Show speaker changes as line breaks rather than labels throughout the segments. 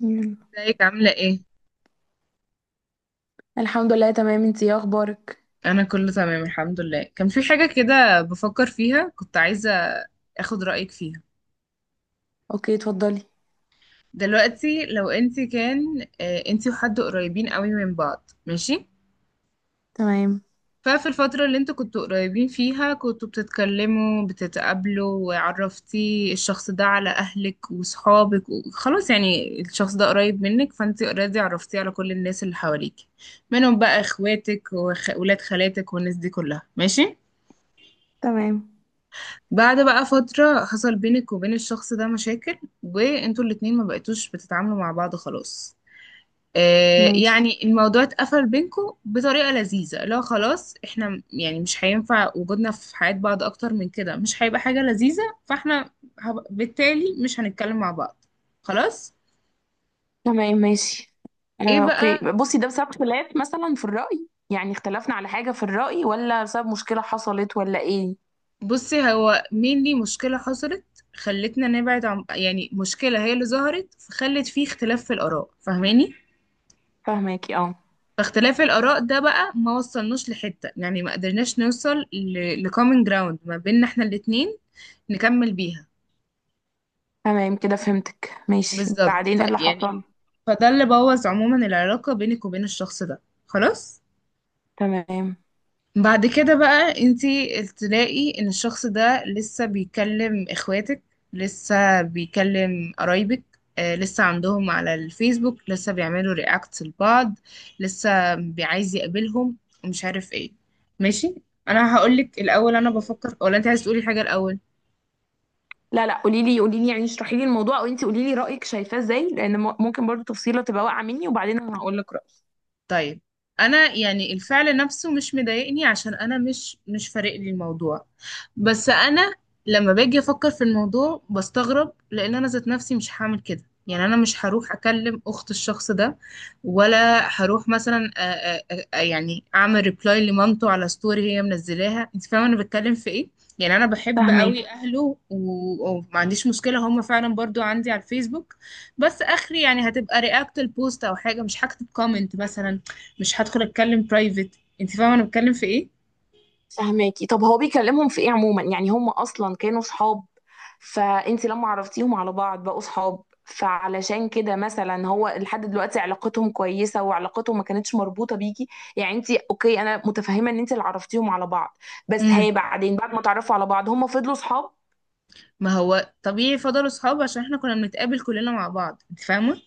يلا.
ازيك عاملة ايه؟
الحمد لله تمام، انتي ايه اخبارك؟
أنا كله تمام الحمد لله. كان في حاجة كده بفكر فيها، كنت عايزة اخد رأيك فيها.
اوكي، اتفضلي.
دلوقتي لو انت كان انت وحد قريبين قوي من بعض، ماشي؟
تمام.
ففي الفترة اللي انتوا كنتوا قريبين فيها كنتوا بتتكلموا بتتقابلوا، وعرفتي الشخص ده على أهلك وصحابك وخلاص، يعني الشخص ده قريب منك، فانت اوريدي عرفتيه على كل الناس اللي حواليك، منهم بقى اخواتك وولاد خالاتك والناس دي كلها، ماشي؟
تمام،
بعد بقى فترة حصل بينك وبين الشخص ده مشاكل، وانتوا الاتنين ما بقيتوش بتتعاملوا مع بعض خلاص. آه
ماشي.
يعني الموضوع اتقفل بينكوا بطريقة لذيذة، لو خلاص احنا يعني مش هينفع وجودنا في حياة بعض اكتر من كده، مش هيبقى حاجة لذيذة، فاحنا بالتالي مش هنتكلم مع بعض خلاص.
تمام، ماشي.
ايه
اوكي،
بقى؟
بصي ده بسبب خلاف مثلا في الرأي، يعني اختلفنا على حاجة في الرأي، ولا بسبب مشكلة حصلت ولا ايه؟
بصي، هو mainly مشكلة حصلت خلتنا نبعد، عن يعني مشكلة هي اللي ظهرت فخلت فيه اختلاف في الآراء، فاهماني؟
فاهماكي، اه.
فاختلاف الآراء ده بقى ما وصلناش لحتة، يعني ما قدرناش نوصل لكومن جراوند ما بيننا احنا الاتنين نكمل بيها.
تمام، كده فهمتك. ماشي،
بالظبط،
بعدين ايه اللي
فيعني
حصل؟
فده اللي بوظ عموما العلاقة بينك وبين الشخص ده خلاص.
تمام.
بعد كده بقى انتي تلاقي ان الشخص ده لسه بيكلم اخواتك، لسه بيكلم قرايبك، لسه عندهم على الفيسبوك، لسه بيعملوا رياكت لبعض، لسه بيعايز يقابلهم، ومش عارف ايه، ماشي؟ انا هقولك الاول انا بفكر، ولا انت عايز تقولي حاجة الاول؟
لا لا، قولي لي قولي لي، يعني اشرحي لي الموضوع، او انتي قولي لي رأيك شايفاه ازاي، لان ممكن برضو تفصيلة تبقى واقعة مني، وبعدين انا هقول لك رأيي.
طيب، انا يعني الفعل نفسه مش مضايقني، عشان انا مش فارق لي الموضوع، بس انا لما باجي افكر في الموضوع بستغرب، لان انا ذات نفسي مش هعمل كده. يعني انا مش هروح اكلم اخت الشخص ده، ولا هروح مثلا يعني اعمل ريبلاي لمامته على ستوري هي منزلاها، انت فاهمه انا بتكلم في ايه؟ يعني انا بحب
فاهماكي.
قوي اهله، وما عنديش مشكله، هم فعلا برضو عندي على الفيسبوك. بس اخري يعني هتبقى رياكت البوست او حاجه، مش هكتب كومنت مثلا، مش هدخل اتكلم برايفت. انت فاهمه انا بتكلم في ايه؟
فهماكي. طب هو بيكلمهم في ايه عموما؟ يعني هم اصلا كانوا صحاب، فانت لما عرفتيهم على بعض بقوا صحاب، فعلشان كده مثلا هو لحد دلوقتي علاقتهم كويسه، وعلاقتهم ما كانتش مربوطه بيكي. يعني انت اوكي، انا متفهمه ان انت اللي عرفتيهم على بعض، بس هي بعدين بعد ما تعرفوا على بعض هم فضلوا صحاب.
ما هو طبيعي فضلوا صحاب، عشان احنا كنا بنتقابل كلنا مع بعض، انت فاهمه.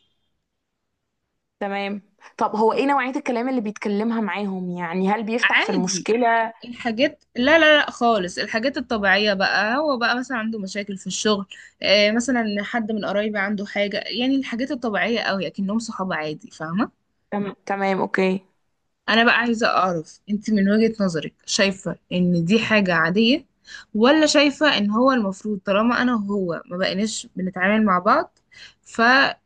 تمام. طب هو ايه نوعيه الكلام اللي بيتكلمها معاهم؟ يعني هل بيفتح في
عادي
المشكله؟
الحاجات، لا لا لا خالص الحاجات الطبيعية بقى، هو بقى مثلا عنده مشاكل في الشغل، آه مثلا حد من قرايبي عنده حاجة، يعني الحاجات الطبيعية قوي، اكنهم صحاب عادي، فاهمة.
تمام، اوكي.
انا بقى عايزة اعرف انت من وجهة نظرك شايفة ان دي حاجة عادية، ولا شايفة ان هو المفروض طالما انا وهو ما بقيناش بنتعامل مع بعض، ف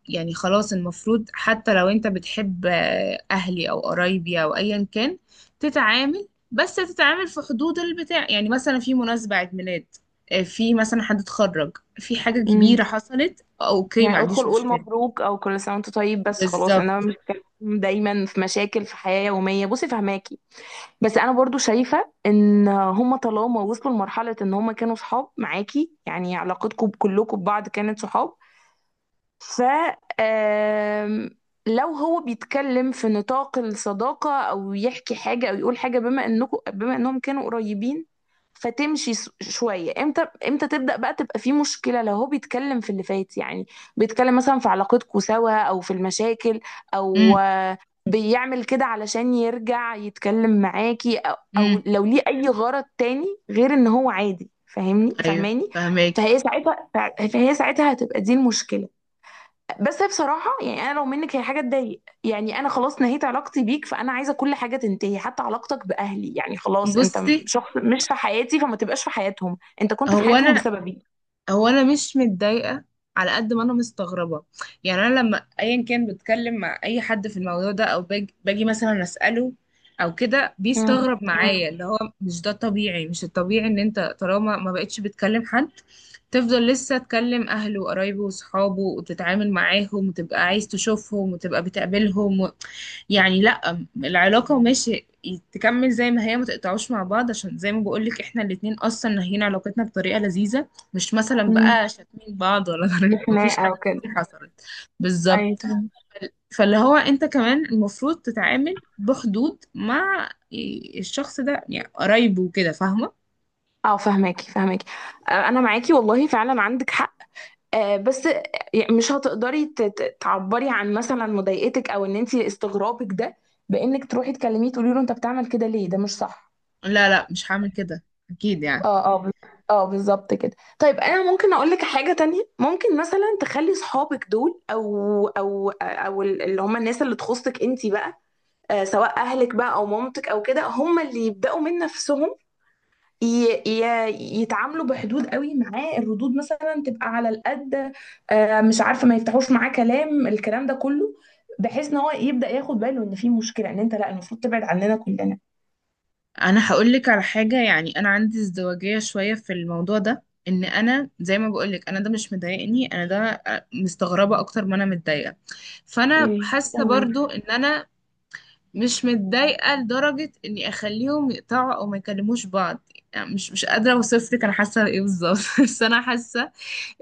يعني خلاص المفروض حتى لو انت بتحب اهلي او قرايبي او ايا كان، تتعامل بس تتعامل في حدود البتاع، يعني مثلا في مناسبة عيد ميلاد، في مثلا حد اتخرج، في حاجة كبيرة
امم
حصلت، اوكي ما
يعني ادخل
عنديش
قول
مشكلة.
مبروك او كل سنه وانت طيب، بس خلاص، انما
بالظبط.
مش كلام دايما في مشاكل في حياه يوميه. بصي فهماكي، بس انا برضو شايفه ان هما طالما وصلوا لمرحله ان هما كانوا صحاب معاكي، يعني علاقتكم كلكم ببعض كانت صحاب، ف آم، لو هو بيتكلم في نطاق الصداقة أو يحكي حاجة أو يقول حاجة بما إنكم بما إنهم كانوا قريبين، فتمشي شوية. امتى امتى تبدأ بقى تبقى في مشكلة؟ لو هو بيتكلم في اللي فات، يعني بيتكلم مثلا في علاقتكم سوا أو في المشاكل،
امم
أو بيعمل كده علشان يرجع يتكلم معاكي، أو
امم
لو ليه أي غرض تاني غير إن هو عادي، فاهمني
ايوه
فاهماني؟
فهماكي.
فهي ساعتها، فهي ساعتها هتبقى دي المشكلة. بس هي بصراحة، يعني أنا لو منك، هي حاجة تضايق، يعني أنا خلاص نهيت علاقتي بيك، فأنا عايزة كل حاجة تنتهي حتى علاقتك بأهلي، يعني خلاص أنت
بصي،
شخص مش في حياتي، فما تبقاش في حياتهم، أنت كنت في
هو
حياتهم
انا
بسببي.
هو انا مش متضايقه، على قد ما انا مستغربه. يعني انا لما ايا كان بتكلم مع اي حد في الموضوع ده او باجي مثلا اساله او كده،
امم.
بيستغرب
امم.
معايا اللي هو مش ده طبيعي، مش الطبيعي ان انت طالما ما بقتش بتكلم حد تفضل لسه تكلم أهله وقرايبه وصحابه وتتعامل معاهم وتبقى عايز تشوفهم وتبقى بتقابلهم و... يعني لأ، العلاقة ماشي تكمل زي ما هي، ما تقطعوش مع بعض، عشان زي ما بقولك احنا الاتنين أصلا ناهيين علاقتنا بطريقة لذيذة، مش مثلا
امم.
بقى شاتمين بعض ولا مفيش
خناقة
حاجة
وكده.
كتير حصلت، بالظبط.
أيوة، تمام.
فاللي هو انت كمان المفروض تتعامل بحدود مع الشخص ده، يعني قرايبه وكده، فاهمة؟
اه فهماكي فهماكي. انا معاكي والله، فعلا عندك حق. بس يعني مش هتقدري تعبري عن مثلا مضايقتك او ان انت استغرابك ده، بانك تروحي تكلميه تقولي له انت بتعمل كده ليه، ده مش صح.
لا لا مش هعمل كده أكيد يعني.
اه اه، اه بالظبط كده. طيب انا ممكن اقول لك حاجه تانية، ممكن مثلا تخلي صحابك دول اللي هم الناس اللي تخصك انت بقى، سواء اهلك بقى او مامتك او كده، هم اللي يبداوا من نفسهم، يتعاملوا بحدود قوي معاه. الردود مثلا تبقى على القد، مش عارفه، ما يفتحوش معاه كلام الكلام ده كله، بحيث ان هو يبدا ياخد باله ان في مشكله، ان انت لا، المفروض تبعد عننا كلنا.
انا هقول لك على حاجه، يعني انا عندي ازدواجيه شويه في الموضوع ده، ان انا زي ما بقول لك انا ده مش مضايقني، انا ده مستغربه اكتر ما انا متضايقه. فانا حاسه
تمام.
برضو ان انا مش متضايقه لدرجه اني اخليهم يقطعوا او ما يكلموش بعض، يعني مش قادره اوصف لك انا حاسه ايه بالظبط بس انا حاسه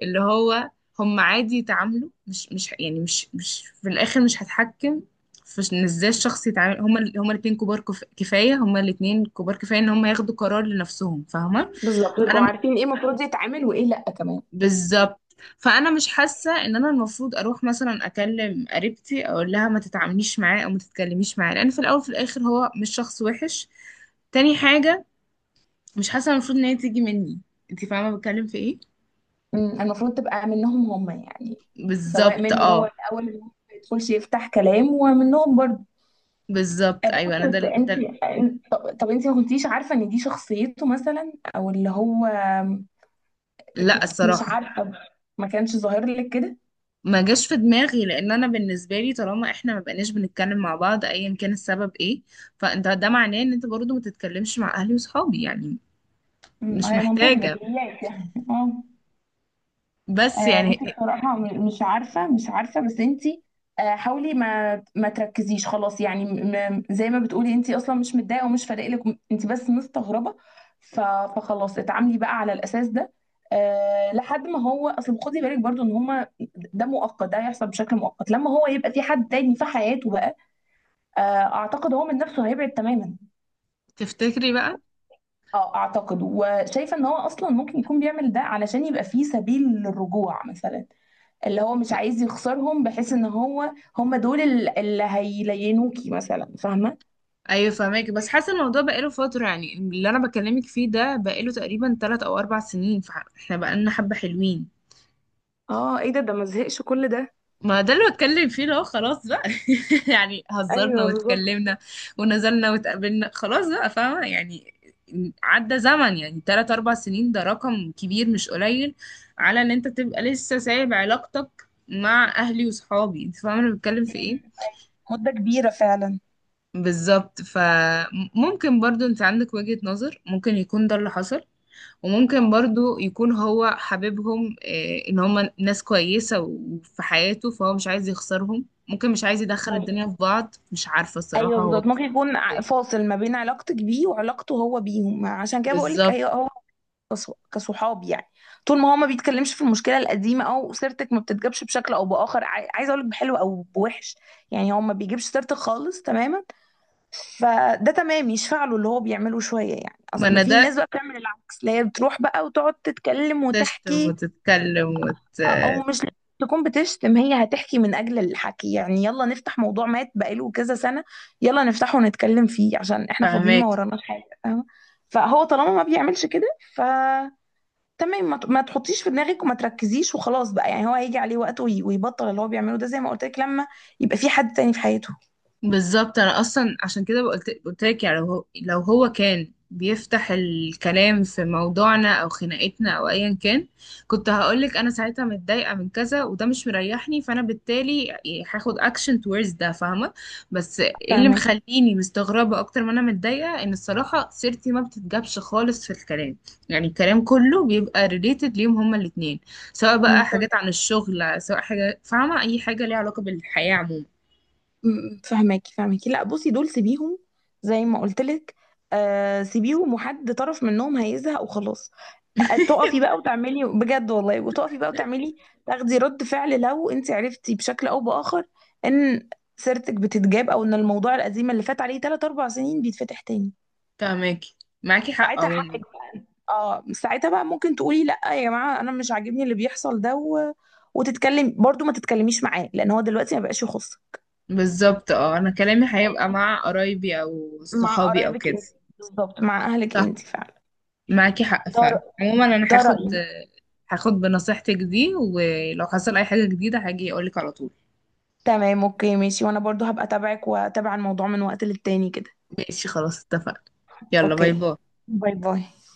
اللي هو هم عادي يتعاملوا، مش يعني مش في الاخر مش هتحكم في ان ازاي الشخص يتعامل. هما الاتنين كبار كفاية، هما الاتنين كبار كفاية ان هما ياخدوا قرار لنفسهم، فاهمة.
بالظبط،
انا
يبقوا
م-
عارفين ايه المفروض يتعمل وايه لا كمان.
بالظبط. فانا مش حاسة ان انا المفروض اروح مثلا اكلم قريبتي اقول لها ما تتعامليش معاه او ما تتكلميش معاه، لان في الاول وفي الاخر هو مش شخص وحش. تاني حاجة، مش حاسة المفروض ان هي تيجي مني، انت فاهمة بتكلم في ايه.
المفروض تبقى منهم هم يعني، سواء
بالظبط
منه هو
اه.
الاول ان هو ما يدخلش يفتح كلام، ومنهم برضه.
بالظبط ايوه انا
بصي،
ده
بس انت،
ده
طب انت ما كنتيش عارفه ان دي شخصيته مثلا، او اللي هو
لا
مش
الصراحة
عارفه، ما كانش ظاهر لك كده؟
ما جاش في دماغي، لان انا بالنسبة لي طالما احنا ما بقيناش بنتكلم مع بعض ايا كان السبب ايه، فانت ده معناه ان انت برضو ما تتكلمش مع اهلي وصحابي يعني، مش
هي منطوق
محتاجة.
بديهيات يعني، اه.
بس
بصي
يعني
بصراحة، مش عارفة مش عارفة، بس انتي حاولي ما تركزيش خلاص، يعني زي ما بتقولي انتي اصلا مش متضايقة ومش فارق لك، انتي بس مستغربة. ف- فخلاص اتعاملي بقى على الاساس ده. أه لحد ما هو اصل، خدي بالك برضو ان هما، ده مؤقت، ده هيحصل بشكل مؤقت، لما هو يبقى في حد تاني في حياته بقى. آه، اعتقد هو من نفسه هيبعد تماما.
تفتكري بقى؟
اه اعتقد، وشايفة ان هو اصلا ممكن يكون بيعمل ده علشان يبقى فيه سبيل للرجوع مثلا، اللي هو مش عايز يخسرهم، بحيث ان هو هم دول اللي هيلينوكي مثلا، فاهمه؟
ايوه فهماكي، بس حاسة الموضوع بقاله فترة، يعني اللي انا بكلمك فيه ده بقاله تقريبا 3 او 4 سنين، فاحنا بقالنا حبة حلوين.
اه، ايه ده ما زهقش كل ده؟
ما ده اللي بتكلم فيه، لو خلاص بقى يعني هزرنا
ايوه بالظبط.
واتكلمنا ونزلنا واتقابلنا خلاص بقى، فاهمة يعني. عدى زمن يعني 3 4 سنين، ده رقم كبير مش قليل، على إن أنت تبقى لسه سايب علاقتك مع أهلي وصحابي، أنت فاهمة أنا بتكلم في إيه؟
مده كبيره فعلا.
بالظبط. فممكن برضو أنت عندك وجهة نظر، ممكن يكون ده اللي حصل، وممكن برضو يكون هو حبيبهم. ان هم ناس كويسة وفي حياته، فهو مش عايز يخسرهم، ممكن مش عايز يدخل
مم.
الدنيا في بعض، مش عارفة الصراحة
ايوه
هو
بالظبط، ممكن
بيفكر
يكون
إيه.
فاصل ما بين علاقتك بيه وعلاقته هو بيهم، عشان كده بقول لك
بالظبط.
هي هو كصحاب يعني. طول ما هو ما بيتكلمش في المشكله القديمه، او سيرتك ما بتتجابش بشكل او باخر، عايزه اقول لك بحلو او بوحش، يعني هو ما بيجيبش سيرتك خالص تماما، فده تمام، يشفع له اللي هو بيعمله شويه. يعني
ما انا
اصل في ناس
ده
بقى بتعمل العكس، اللي هي بتروح بقى وتقعد تتكلم
تشتم
وتحكي،
وتتكلم وت...
او مش لازم تكون بتشتم، هي هتحكي من اجل الحكي، يعني يلا نفتح موضوع مات بقاله كذا سنه، يلا نفتحه ونتكلم فيه عشان احنا فاضيين
فهماك.
ما وراناش حاجه، فاهمة؟ فهو طالما ما بيعملش كده، ف تمام، ما ما تحطيش في دماغك، وما تركزيش، وخلاص بقى. يعني هو هيجي عليه وقت ويبطل اللي هو بيعمله ده، زي ما قلت لك، لما يبقى في حد تاني في حياته.
بالظبط. انا اصلا عشان كده قلت لك، يعني لو هو كان بيفتح الكلام في موضوعنا او خناقتنا او ايا كان، كنت هقولك انا ساعتها متضايقه من كذا وده مش مريحني، فانا بالتالي يعني هاخد اكشن towards ده، فاهمه. بس إيه اللي
فاهمك.
مخليني مستغربه اكتر ما انا متضايقه، ان الصراحه سيرتي ما بتتجابش خالص في الكلام، يعني الكلام كله بيبقى ريليتد ليهم هما الاتنين، سواء بقى حاجات عن الشغل، سواء حاجه فاهمه، اي حاجه ليها علاقه بالحياه عموما.
فهماكي فهماكي. لا بصي، دول سيبيهم، زي ما قلت لك، آه سيبيهم، وحد طرف منهم هيزهق وخلاص. تقفي بقى وتعملي بجد والله، وتقفي بقى وتعملي، تاخدي رد فعل، لو انت عرفتي بشكل او باخر ان سيرتك بتتجاب، او ان الموضوع القديم اللي فات عليه 3 4 سنين بيتفتح تاني،
فاهماكي، معاكي حق
ساعتها حقك
عموما.
بقى، اه ساعتها بقى ممكن تقولي لا يا جماعه انا مش عاجبني اللي بيحصل ده، و... وتتكلم برضو، ما تتكلميش معاه لان هو دلوقتي ما بقاش يخصك.
بالظبط اه، انا كلامي هيبقى مع قرايبي او
مع
صحابي او
قرايبك
كده.
انت، بالظبط، مع اهلك
صح،
انت فعلا.
معاكي حق
ده
فعلا عموما. انا
ده
هاخد
رأيي.
هاخد بنصيحتك دي، ولو حصل اي حاجة جديدة هاجي اقولك على طول.
تمام اوكي ماشي، وانا برضو هبقى اتابعك واتابع الموضوع من وقت للتاني كده.
ماشي خلاص اتفقنا، يلا باي
اوكي.
باي.
باي باي.